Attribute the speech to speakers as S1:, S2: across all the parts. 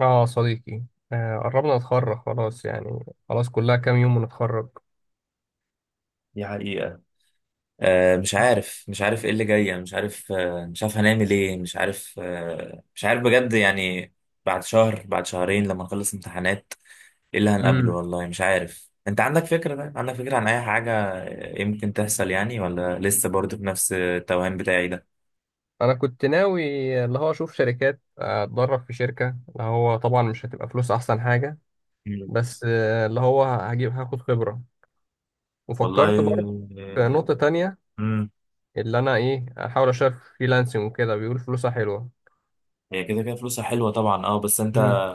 S1: اه، صديقي. آه قربنا نتخرج، خلاص يعني، خلاص كلها كام يوم ونتخرج.
S2: دي حقيقة. مش عارف، ايه اللي جاي، يعني مش عارف. مش عارف هنعمل ايه. مش عارف، مش عارف بجد يعني. بعد شهر، بعد شهرين لما نخلص امتحانات، ايه اللي هنقابله؟
S1: امم
S2: والله مش عارف. انت عندك فكرة؟ طيب عندك فكرة عن اي حاجة يمكن تحصل يعني، ولا لسه برضه في نفس التوهان بتاعي ده؟
S1: انا كنت ناوي، اللي هو اشوف شركات، اتدرب في شركة، اللي هو طبعا مش هتبقى فلوس، احسن حاجة.
S2: مم.
S1: بس اللي هو هاخد خبرة. وفكرت
S2: والله.
S1: برضه في نقطة تانية،
S2: امم.
S1: اللي انا احاول اشتغل في فريلانسنج وكده، بيقول فلوسها حلوة.
S2: هي كده كده فلوسها حلوة طبعا، اه، بس انت
S1: امم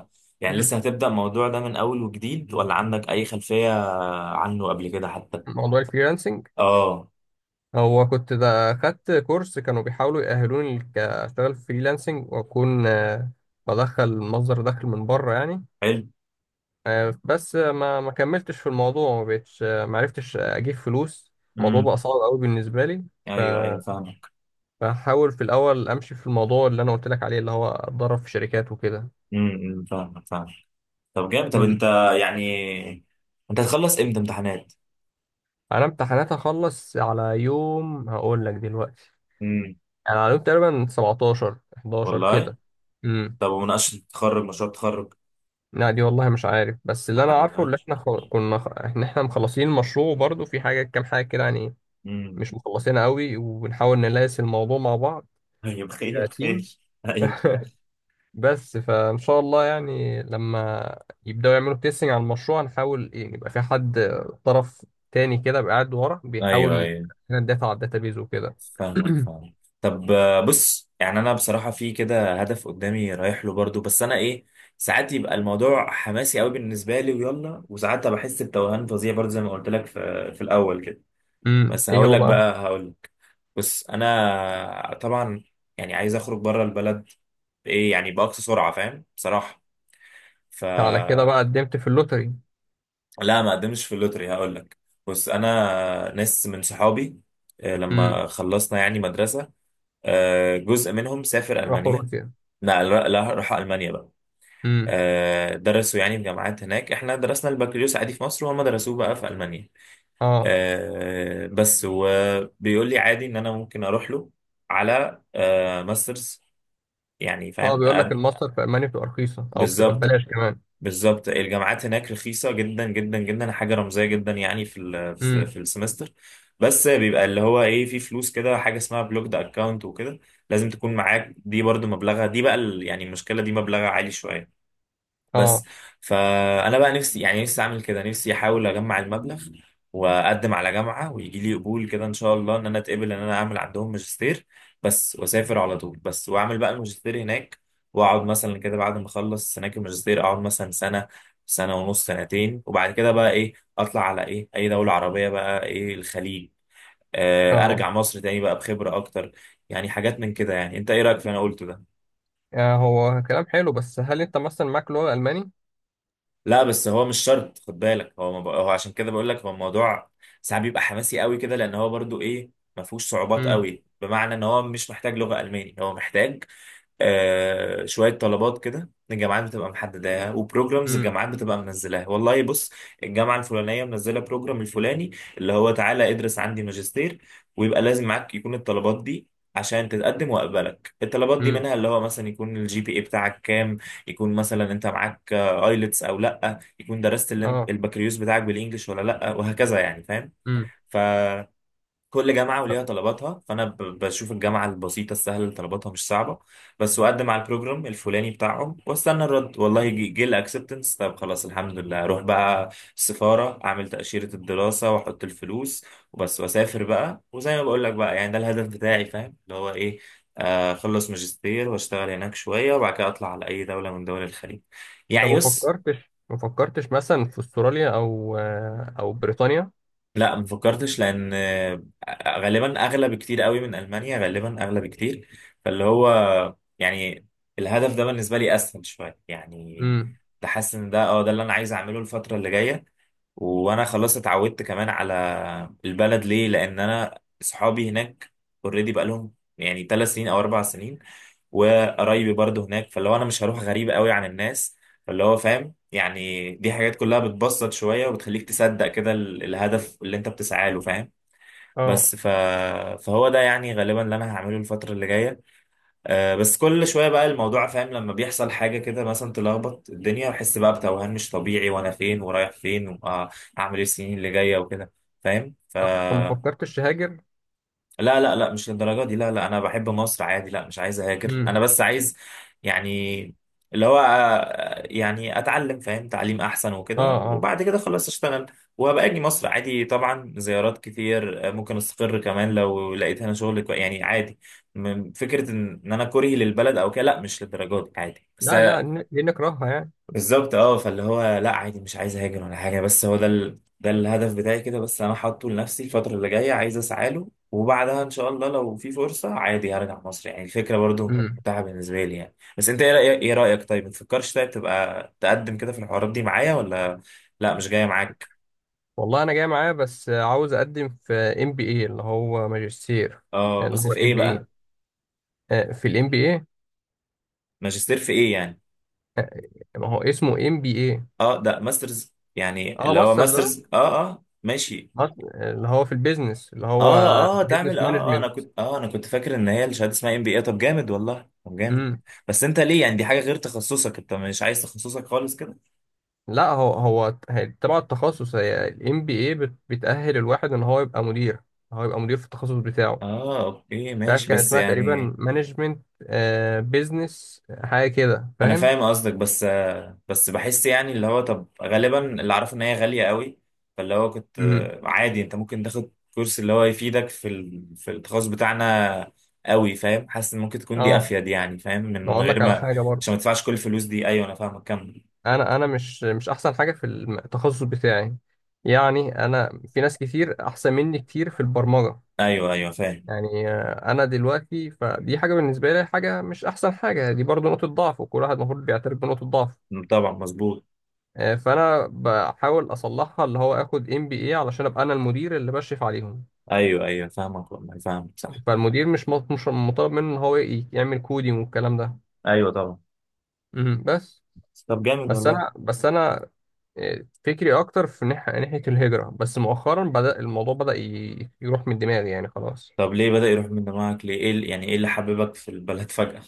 S2: يعني لسه هتبدأ الموضوع ده من اول وجديد، ولا عندك اي خلفية عنه قبل كده حتى؟
S1: موضوع الفريلانسنج،
S2: اه.
S1: هو كنت ده خدت كورس، كانوا بيحاولوا يأهلوني أشتغل فريلانسنج وأكون، بدخل مصدر دخل من بره يعني.
S2: حلو.
S1: بس ما كملتش في الموضوع، ما بقتش، ما عرفتش أجيب فلوس. الموضوع
S2: مم.
S1: بقى صعب قوي بالنسبة لي.
S2: ايوه ايوه فاهمك.
S1: بحاول في الأول أمشي في الموضوع اللي أنا قلت لك عليه، اللي هو أتدرب في شركات وكده.
S2: امم، إمم، فاهمك فاهمك. طب جامد. طب
S1: مم.
S2: انت يعني، انت هتخلص امتى امتحانات؟
S1: أنا امتحانات هخلص على يوم، هقول لك دلوقتي.
S2: امم.
S1: يعني على يوم تقريبا 17، 11
S2: والله.
S1: كده. مم.
S2: طب ومناقشه التخرج، مشروع التخرج؟
S1: لا، دي والله مش عارف، بس
S2: ما
S1: اللي انا عارفه، اللي
S2: حددهاش.
S1: احنا كنا ان احنا مخلصين المشروع، وبرضه في حاجه، كام حاجه كده يعني
S2: امم.
S1: مش مخلصينها قوي، وبنحاول نلاقي الموضوع مع بعض.
S2: طيب، خير
S1: كتيم.
S2: خير. ايوه
S1: بس فان شاء الله يعني، لما يبداوا يعملوا تيستنج على المشروع، نحاول يبقى في حد طرف تاني كده بقى، قاعد ورا بيحاول
S2: ايوه ايوه
S1: يدافع الداتا على الداتابيز وكده.
S2: فاهمك فاهمك. طب، بص، يعني انا بصراحه في كده هدف قدامي رايح له برضو، بس انا ايه، ساعات يبقى الموضوع حماسي قوي بالنسبه لي ويلا، وساعات بحس بتوهان فظيع برضو زي ما قلت لك في الاول كده. بس
S1: ايه
S2: هقول
S1: هو
S2: لك
S1: بقى؟
S2: بقى، هقول لك. بس انا طبعا يعني عايز اخرج بره البلد، بايه؟ يعني باقصى سرعه، فاهم، بصراحه. ف
S1: على كده بقى قدمت في اللوتري.
S2: لا ما قدمتش في اللوتري، هقول لك. بس انا ناس من صحابي،
S1: امم.
S2: لما خلصنا يعني مدرسه، جزء منهم سافر
S1: راحوا
S2: المانيا.
S1: روسيا.
S2: لا لا لا، راح المانيا بقى.
S1: امم.
S2: درسوا يعني في جامعات هناك. احنا درسنا البكالوريوس عادي في مصر، وهم درسوه بقى في المانيا.
S1: اه،
S2: بس وبيقول لي عادي ان انا ممكن اروح له على ماسترز. يعني
S1: اه،
S2: فاهم
S1: بيقول لك الماستر في المانيا بتبقى رخيصه او بتبقى
S2: بالظبط.
S1: ببلاش كمان.
S2: بالظبط الجامعات هناك رخيصة جدا جدا جدا، حاجة رمزية جدا يعني، في
S1: امم.
S2: في السمستر. بس بيبقى اللي هو ايه، في فلوس كده حاجة اسمها بلوكد اكونت وكده، لازم تكون معاك دي برضو. مبلغها دي بقى يعني المشكلة دي مبلغها عالي شوية، بس.
S1: اه،
S2: فانا بقى نفسي، يعني نفسي اعمل كده، نفسي احاول اجمع المبلغ واقدم على جامعه، ويجي لي قبول كده ان شاء الله، ان انا اتقبل، ان انا اعمل عندهم ماجستير بس. واسافر على طول بس، واعمل بقى الماجستير هناك. واقعد مثلا كده، بعد ما اخلص هناك الماجستير، اقعد مثلا سنه، سنه ونص، سنتين، وبعد كده بقى ايه اطلع على ايه اي دوله عربيه، بقى ايه الخليج.
S1: اه،
S2: ارجع مصر تاني بقى بخبره اكتر. يعني حاجات من كده يعني. انت ايه رايك في اللي انا قلته ده؟
S1: يعني هو كلام حلو، بس هل انت مثلا معاك لغه الماني؟
S2: لا بس هو مش شرط، خد بالك. هو ما بق- هو عشان كده بقول لك، هو الموضوع ساعات بيبقى حماسي قوي كده، لان هو برضو ايه، ما فيهوش صعوبات
S1: امم.
S2: قوي. بمعنى ان هو مش محتاج لغة الماني. هو محتاج شويه طلبات كده، الجامعات بتبقى محددها، وبروجرامز
S1: امم.
S2: الجامعات بتبقى منزلاها. والله بص، الجامعه الفلانيه منزله بروجرام الفلاني، اللي هو تعالى ادرس عندي ماجستير. ويبقى لازم معاك يكون الطلبات دي عشان تتقدم واقبلك. الطلبات دي
S1: امم.
S2: منها اللي هو مثلا يكون الجي بي اي بتاعك كام، يكون مثلا انت معاك ايلتس او لا، يكون درست
S1: اه.
S2: البكالوريوس بتاعك بالانجلش ولا لا، وهكذا يعني. فاهم.
S1: امم.
S2: كل جامعة وليها طلباتها، فأنا بشوف الجامعة البسيطة السهلة اللي طلباتها مش صعبة بس، وأقدم على البروجرام الفلاني بتاعهم، وأستنى الرد. والله جه، جه الأكسبتنس، طب خلاص الحمد لله. أروح بقى السفارة، أعمل تأشيرة الدراسة وأحط الفلوس وبس، وأسافر بقى. وزي ما بقول لك بقى، يعني ده الهدف بتاعي. فاهم اللي هو إيه، أخلص ماجستير وأشتغل هناك شوية، وبعد كده أطلع على أي دولة من دول الخليج.
S1: طب،
S2: يعني
S1: ما
S2: يس.
S1: فكرتش ما فكرتش مثلا في استراليا، او بريطانيا؟
S2: لا ما فكرتش، لان غالبا اغلى بكتير قوي من المانيا، غالبا اغلى بكتير. فاللي هو يعني الهدف ده بالنسبه لي اسهل شويه يعني.
S1: امم.
S2: بحس ان ده اه، ده اللي انا عايز اعمله الفتره اللي جايه. وانا خلاص اتعودت كمان على البلد. ليه؟ لان انا اصحابي هناك اوريدي بقى لهم يعني 3 سنين او 4 سنين، وقرايبي برضه هناك. فاللي هو انا مش هروح غريب قوي عن الناس. فاللي هو فاهم، يعني دي حاجات كلها بتبسط شوية، وبتخليك تصدق كده الهدف اللي انت بتسعى له، فاهم.
S1: اه.
S2: بس فهو ده يعني غالبا اللي انا هعمله الفترة اللي جاية. آه بس كل شويه بقى الموضوع، فاهم، لما بيحصل حاجه كده مثلا تلخبط الدنيا، بحس بقى بتوهان مش طبيعي، وانا فين ورايح فين واعمل ايه السنين اللي جايه وكده، فاهم.
S1: طب ما فكرتش تهاجر؟
S2: لا لا لا، مش للدرجة دي، لا لا. أنا بحب مصر عادي، لا مش عايز أهاجر. أنا
S1: امم.
S2: بس عايز يعني اللي هو، يعني أتعلم، فاهم، تعليم أحسن
S1: اه،
S2: وكده،
S1: اه.
S2: وبعد كده خلاص أشتغل. وهبقى أجي مصر عادي طبعا زيارات كتير. ممكن أستقر كمان لو لقيت هنا شغل يعني عادي. فكرة إن أنا كرهي للبلد أو كده، لا مش للدرجة دي عادي، بس.
S1: لا، لا، دي نكرهها يعني.
S2: بالظبط اه. فاللي هو لا عادي مش عايز اهاجر ولا حاجه. بس هو ده ال... ده الهدف بتاعي كده بس. انا حاطه لنفسي الفتره اللي جايه، عايز اسعى له، وبعدها ان شاء الله لو في فرصه عادي هرجع مصر. يعني الفكره برضو
S1: امم.
S2: متاحه بالنسبه لي يعني. بس انت ايه رايك؟ ايه رايك؟ طيب ما تفكرش؟ طيب تبقى تقدم كده في الحوارات دي معايا، ولا لا مش جايه معاك؟
S1: والله انا جاي معايا، بس عاوز اقدم في ام بي اي، اللي هو ماجستير.
S2: اه
S1: اللي
S2: بس
S1: هو
S2: في
S1: الام
S2: ايه
S1: بي،
S2: بقى؟
S1: اي، في الام بي اي.
S2: ماجستير في ايه يعني؟
S1: ما هو اسمه ام بي اي.
S2: اه ده ماسترز يعني
S1: اه،
S2: اللي هو
S1: ماسترز، اه.
S2: ماسترز، اه اه ماشي.
S1: اللي هو في البيزنس، اللي هو
S2: اه اه، تعمل
S1: بيزنس
S2: اه. اه انا
S1: مانجمنت.
S2: كنت، اه انا كنت فاكر ان هي الشهاده اسمها ام بي اي. طب جامد والله، طب جامد.
S1: امم.
S2: بس انت ليه؟ يعني دي حاجه غير تخصصك. انت مش عايز تخصصك خالص كده؟
S1: لا، هو تبع التخصص، هي الام بي اي، بتأهل الواحد ان هو يبقى مدير. هو يبقى مدير في التخصص بتاعه.
S2: اه اوكي
S1: مش عارف،
S2: ماشي،
S1: كان
S2: بس
S1: اسمها
S2: يعني
S1: تقريبا مانجمنت، بيزنس، حاجه كده
S2: انا
S1: فاهم.
S2: فاهم قصدك. بس بس بحس يعني اللي هو، طب غالبا اللي اعرفه ان هي غاليه قوي، فاللي هو كنت
S1: امم.
S2: عادي انت ممكن تاخد كورس اللي هو يفيدك في ال... في التخصص بتاعنا قوي. فاهم، حاسس ان ممكن تكون دي
S1: اه.
S2: افيد يعني، فاهم، من
S1: بقول
S2: غير
S1: لك على
S2: ما
S1: حاجه
S2: عشان ما
S1: برضه،
S2: تدفعش كل الفلوس دي. ايوه انا فاهمك، كمل.
S1: انا مش احسن حاجه في التخصص بتاعي. يعني انا، في ناس كتير احسن مني كتير في البرمجه.
S2: ايوه ايوه فاهم.
S1: يعني انا دلوقتي، فدي حاجه بالنسبه لي، حاجه مش احسن حاجه، دي برضو نقطه ضعف، وكل واحد المفروض بيعترف بنقطه ضعف.
S2: طبعا مظبوط.
S1: فانا بحاول اصلحها، اللي هو اخد ام بي اي علشان ابقى انا المدير اللي بشرف عليهم.
S2: ايوه ايوه فاهمك والله فاهمك، صح.
S1: فالمدير مش مطالب منه ان هو يعمل كودينج والكلام ده.
S2: ايوه طبعا.
S1: مم، بس
S2: طب جامد
S1: بس
S2: والله.
S1: انا بس انا فكري اكتر في ناحيه الهجره، بس مؤخرا بدا الموضوع بدا يروح من دماغي يعني خلاص.
S2: طب ليه بدأ يروح من دماغك؟ ليه ايه ال-؟ يعني ايه اللي حببك في البلد فجأة؟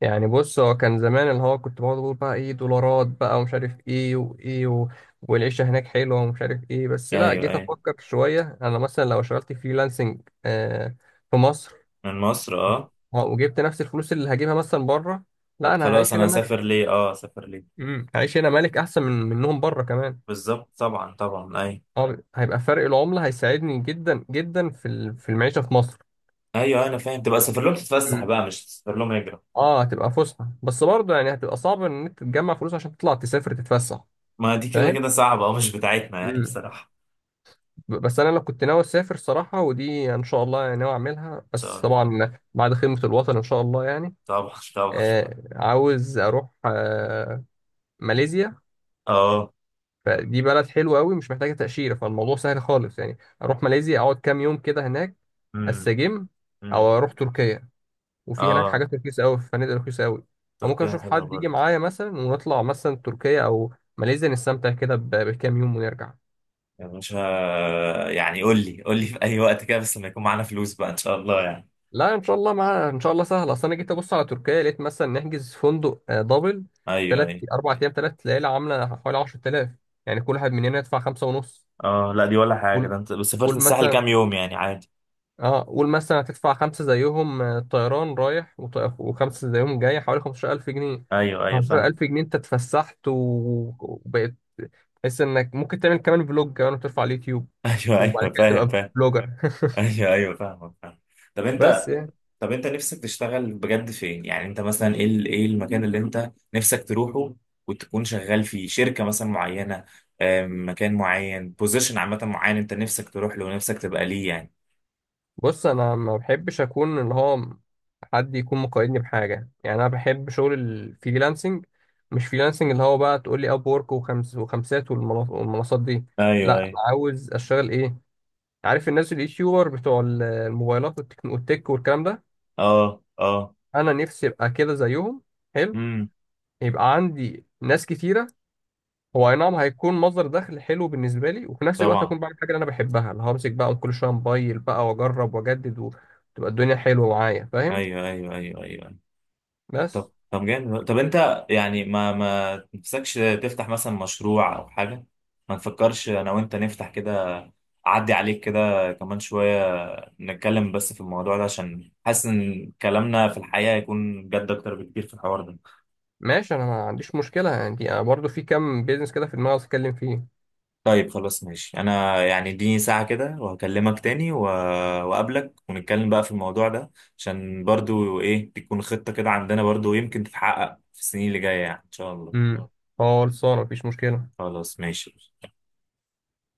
S1: يعني بص، هو كان زمان اللي هو كنت بقعد اقول بقى ايه دولارات بقى، ومش عارف ايه وايه. والعيشه هناك حلوه ومش عارف ايه، بس لا
S2: ايوه
S1: جيت
S2: ايوه.
S1: افكر شويه، انا مثلا لو اشتغلت فريلانسنج في مصر،
S2: من مصر اه.
S1: وجبت نفس الفلوس اللي هجيبها مثلا بره،
S2: طب
S1: لا انا
S2: خلاص
S1: هعيش
S2: انا
S1: هنا
S2: هسافر
S1: ملك.
S2: ليه؟ اه، اسافر ليه؟
S1: هعيش هنا ملك احسن منهم بره كمان.
S2: بالظبط طبعا طبعا ايوه.
S1: اه، هيبقى فرق العمله هيساعدني جدا جدا في في المعيشه في مصر.
S2: ايوه انا فاهم، تبقى سافر لهم تتفسح
S1: مم.
S2: بقى مش تسافر لهم هجرة.
S1: اه، هتبقى فسحه، بس برضه يعني هتبقى صعب ان انت تجمع فلوس عشان تطلع تسافر تتفسح
S2: ما دي كده كده صعبة، اه مش بتاعتنا يعني
S1: فاهم.
S2: بصراحة.
S1: بس انا لو كنت ناوي اسافر صراحه، ودي ان شاء الله يعني ناوي اعملها،
S2: ان شاء
S1: بس
S2: الله،
S1: طبعا بعد خدمه الوطن ان شاء الله يعني.
S2: طبعا طبعا.
S1: عاوز اروح ماليزيا.
S2: اه.
S1: فدي بلد حلوه قوي، مش محتاجه تاشيره، فالموضوع سهل خالص، يعني اروح ماليزيا، اقعد كام يوم كده هناك،
S2: امم.
S1: استجم، او
S2: امم.
S1: اروح تركيا. وفي هناك
S2: اه،
S1: حاجات رخيصه قوي، في فنادق رخيصه قوي. فممكن
S2: تركيا
S1: اشوف
S2: حلوة
S1: حد يجي
S2: برضه.
S1: معايا مثلا، ونطلع مثلا تركيا او ماليزيا، نستمتع كده بكام يوم ونرجع.
S2: يا باشا، يعني قول لي، قول لي في اي وقت كده، بس لما يكون معانا فلوس بقى ان شاء الله يعني.
S1: لا ان شاء الله، مع ان شاء الله سهل. اصل انا جيت ابص على تركيا، لقيت مثلا نحجز فندق دبل،
S2: ايوه
S1: ثلاث
S2: ايوه.
S1: اربع ايام، 3 ليالي، عامله حوالي 10000. يعني كل واحد مننا يدفع خمسة ونص.
S2: اه لا دي ولا حاجه،
S1: قول
S2: ده انت بس سافرت
S1: قول
S2: الساحل كام
S1: مثلا.
S2: يوم يعني عادي.
S1: اه، قول مثلا هتدفع خمسة زيهم، طيران رايح وخمسة زيهم جاي، حوالي 15000 جنيه.
S2: ايوه ايوه
S1: 15000
S2: فاهم.
S1: جنيه انت اتفسحت، وبقيت تحس انك ممكن تعمل كمان فلوج كمان وترفع على اليوتيوب،
S2: ايوه
S1: وبعد
S2: ايوه
S1: كده
S2: فاهم
S1: تبقى
S2: فاهم.
S1: فلوجر.
S2: ايوه ايوه فاهمك فاهم. طب
S1: بس
S2: انت،
S1: يعني،
S2: طب انت نفسك تشتغل بجد فين يعني؟ انت مثلا ايه ال-؟ ايه المكان اللي انت نفسك تروحه، وتكون شغال فيه شركه مثلا معينه، مكان معين، بوزيشن عامه معين، انت نفسك تروح له ونفسك تبقى ليه يعني؟
S1: بص، انا ما بحبش اكون اللي هو حد يكون مقيدني بحاجة يعني. أنا بحب شغل الفريلانسنج، مش فريلانسنج اللي هو بقى تقول لي أب وورك وخمس وخمسات والمنصات دي. لا،
S2: ايوه ايوه.
S1: أنا عاوز أشتغل إيه، عارف الناس اليوتيوبر بتوع الموبايلات والتك والتك والكلام ده.
S2: اه اه.
S1: أنا نفسي أبقى كده زيهم. حلو.
S2: امم.
S1: يبقى عندي ناس كتيرة. هو أي نعم، هيكون مصدر دخل حلو بالنسبة لي، وفي نفس الوقت
S2: طبعا.
S1: هكون بعمل حاجة اللي أنا بحبها، اللي همسك بقى كل شوية موبايل بقى وأجرب وأجدد، وتبقى الدنيا حلوة معايا فاهم.
S2: ايوه ايوه ايوه ايوه.
S1: بس
S2: طب طب جامد. طب انت يعني ما ما تنفسكش تفتح مثلا مشروع او حاجه؟ ما نفكرش انا وانت نفتح كده. اعدي عليك كده كمان شويه، نتكلم بس في الموضوع ده، عشان حاسس ان كلامنا في الحقيقه هيكون جد اكتر بكتير في الحوار ده.
S1: ماشي، انا ما عنديش مشكله، يعني أنا برضو في كام بيزنس كده في دماغي عاوز اتكلم فيه.
S2: طيب خلاص ماشي. انا يعني اديني ساعه كده وهكلمك تاني واقابلك، ونتكلم بقى في الموضوع ده، عشان برضو ايه، تكون خطه كده عندنا برضو يمكن تتحقق في السنين اللي جايه يعني ان شاء الله.
S1: امم. خلصانه مفيش مشكله.
S2: خلاص ماشي.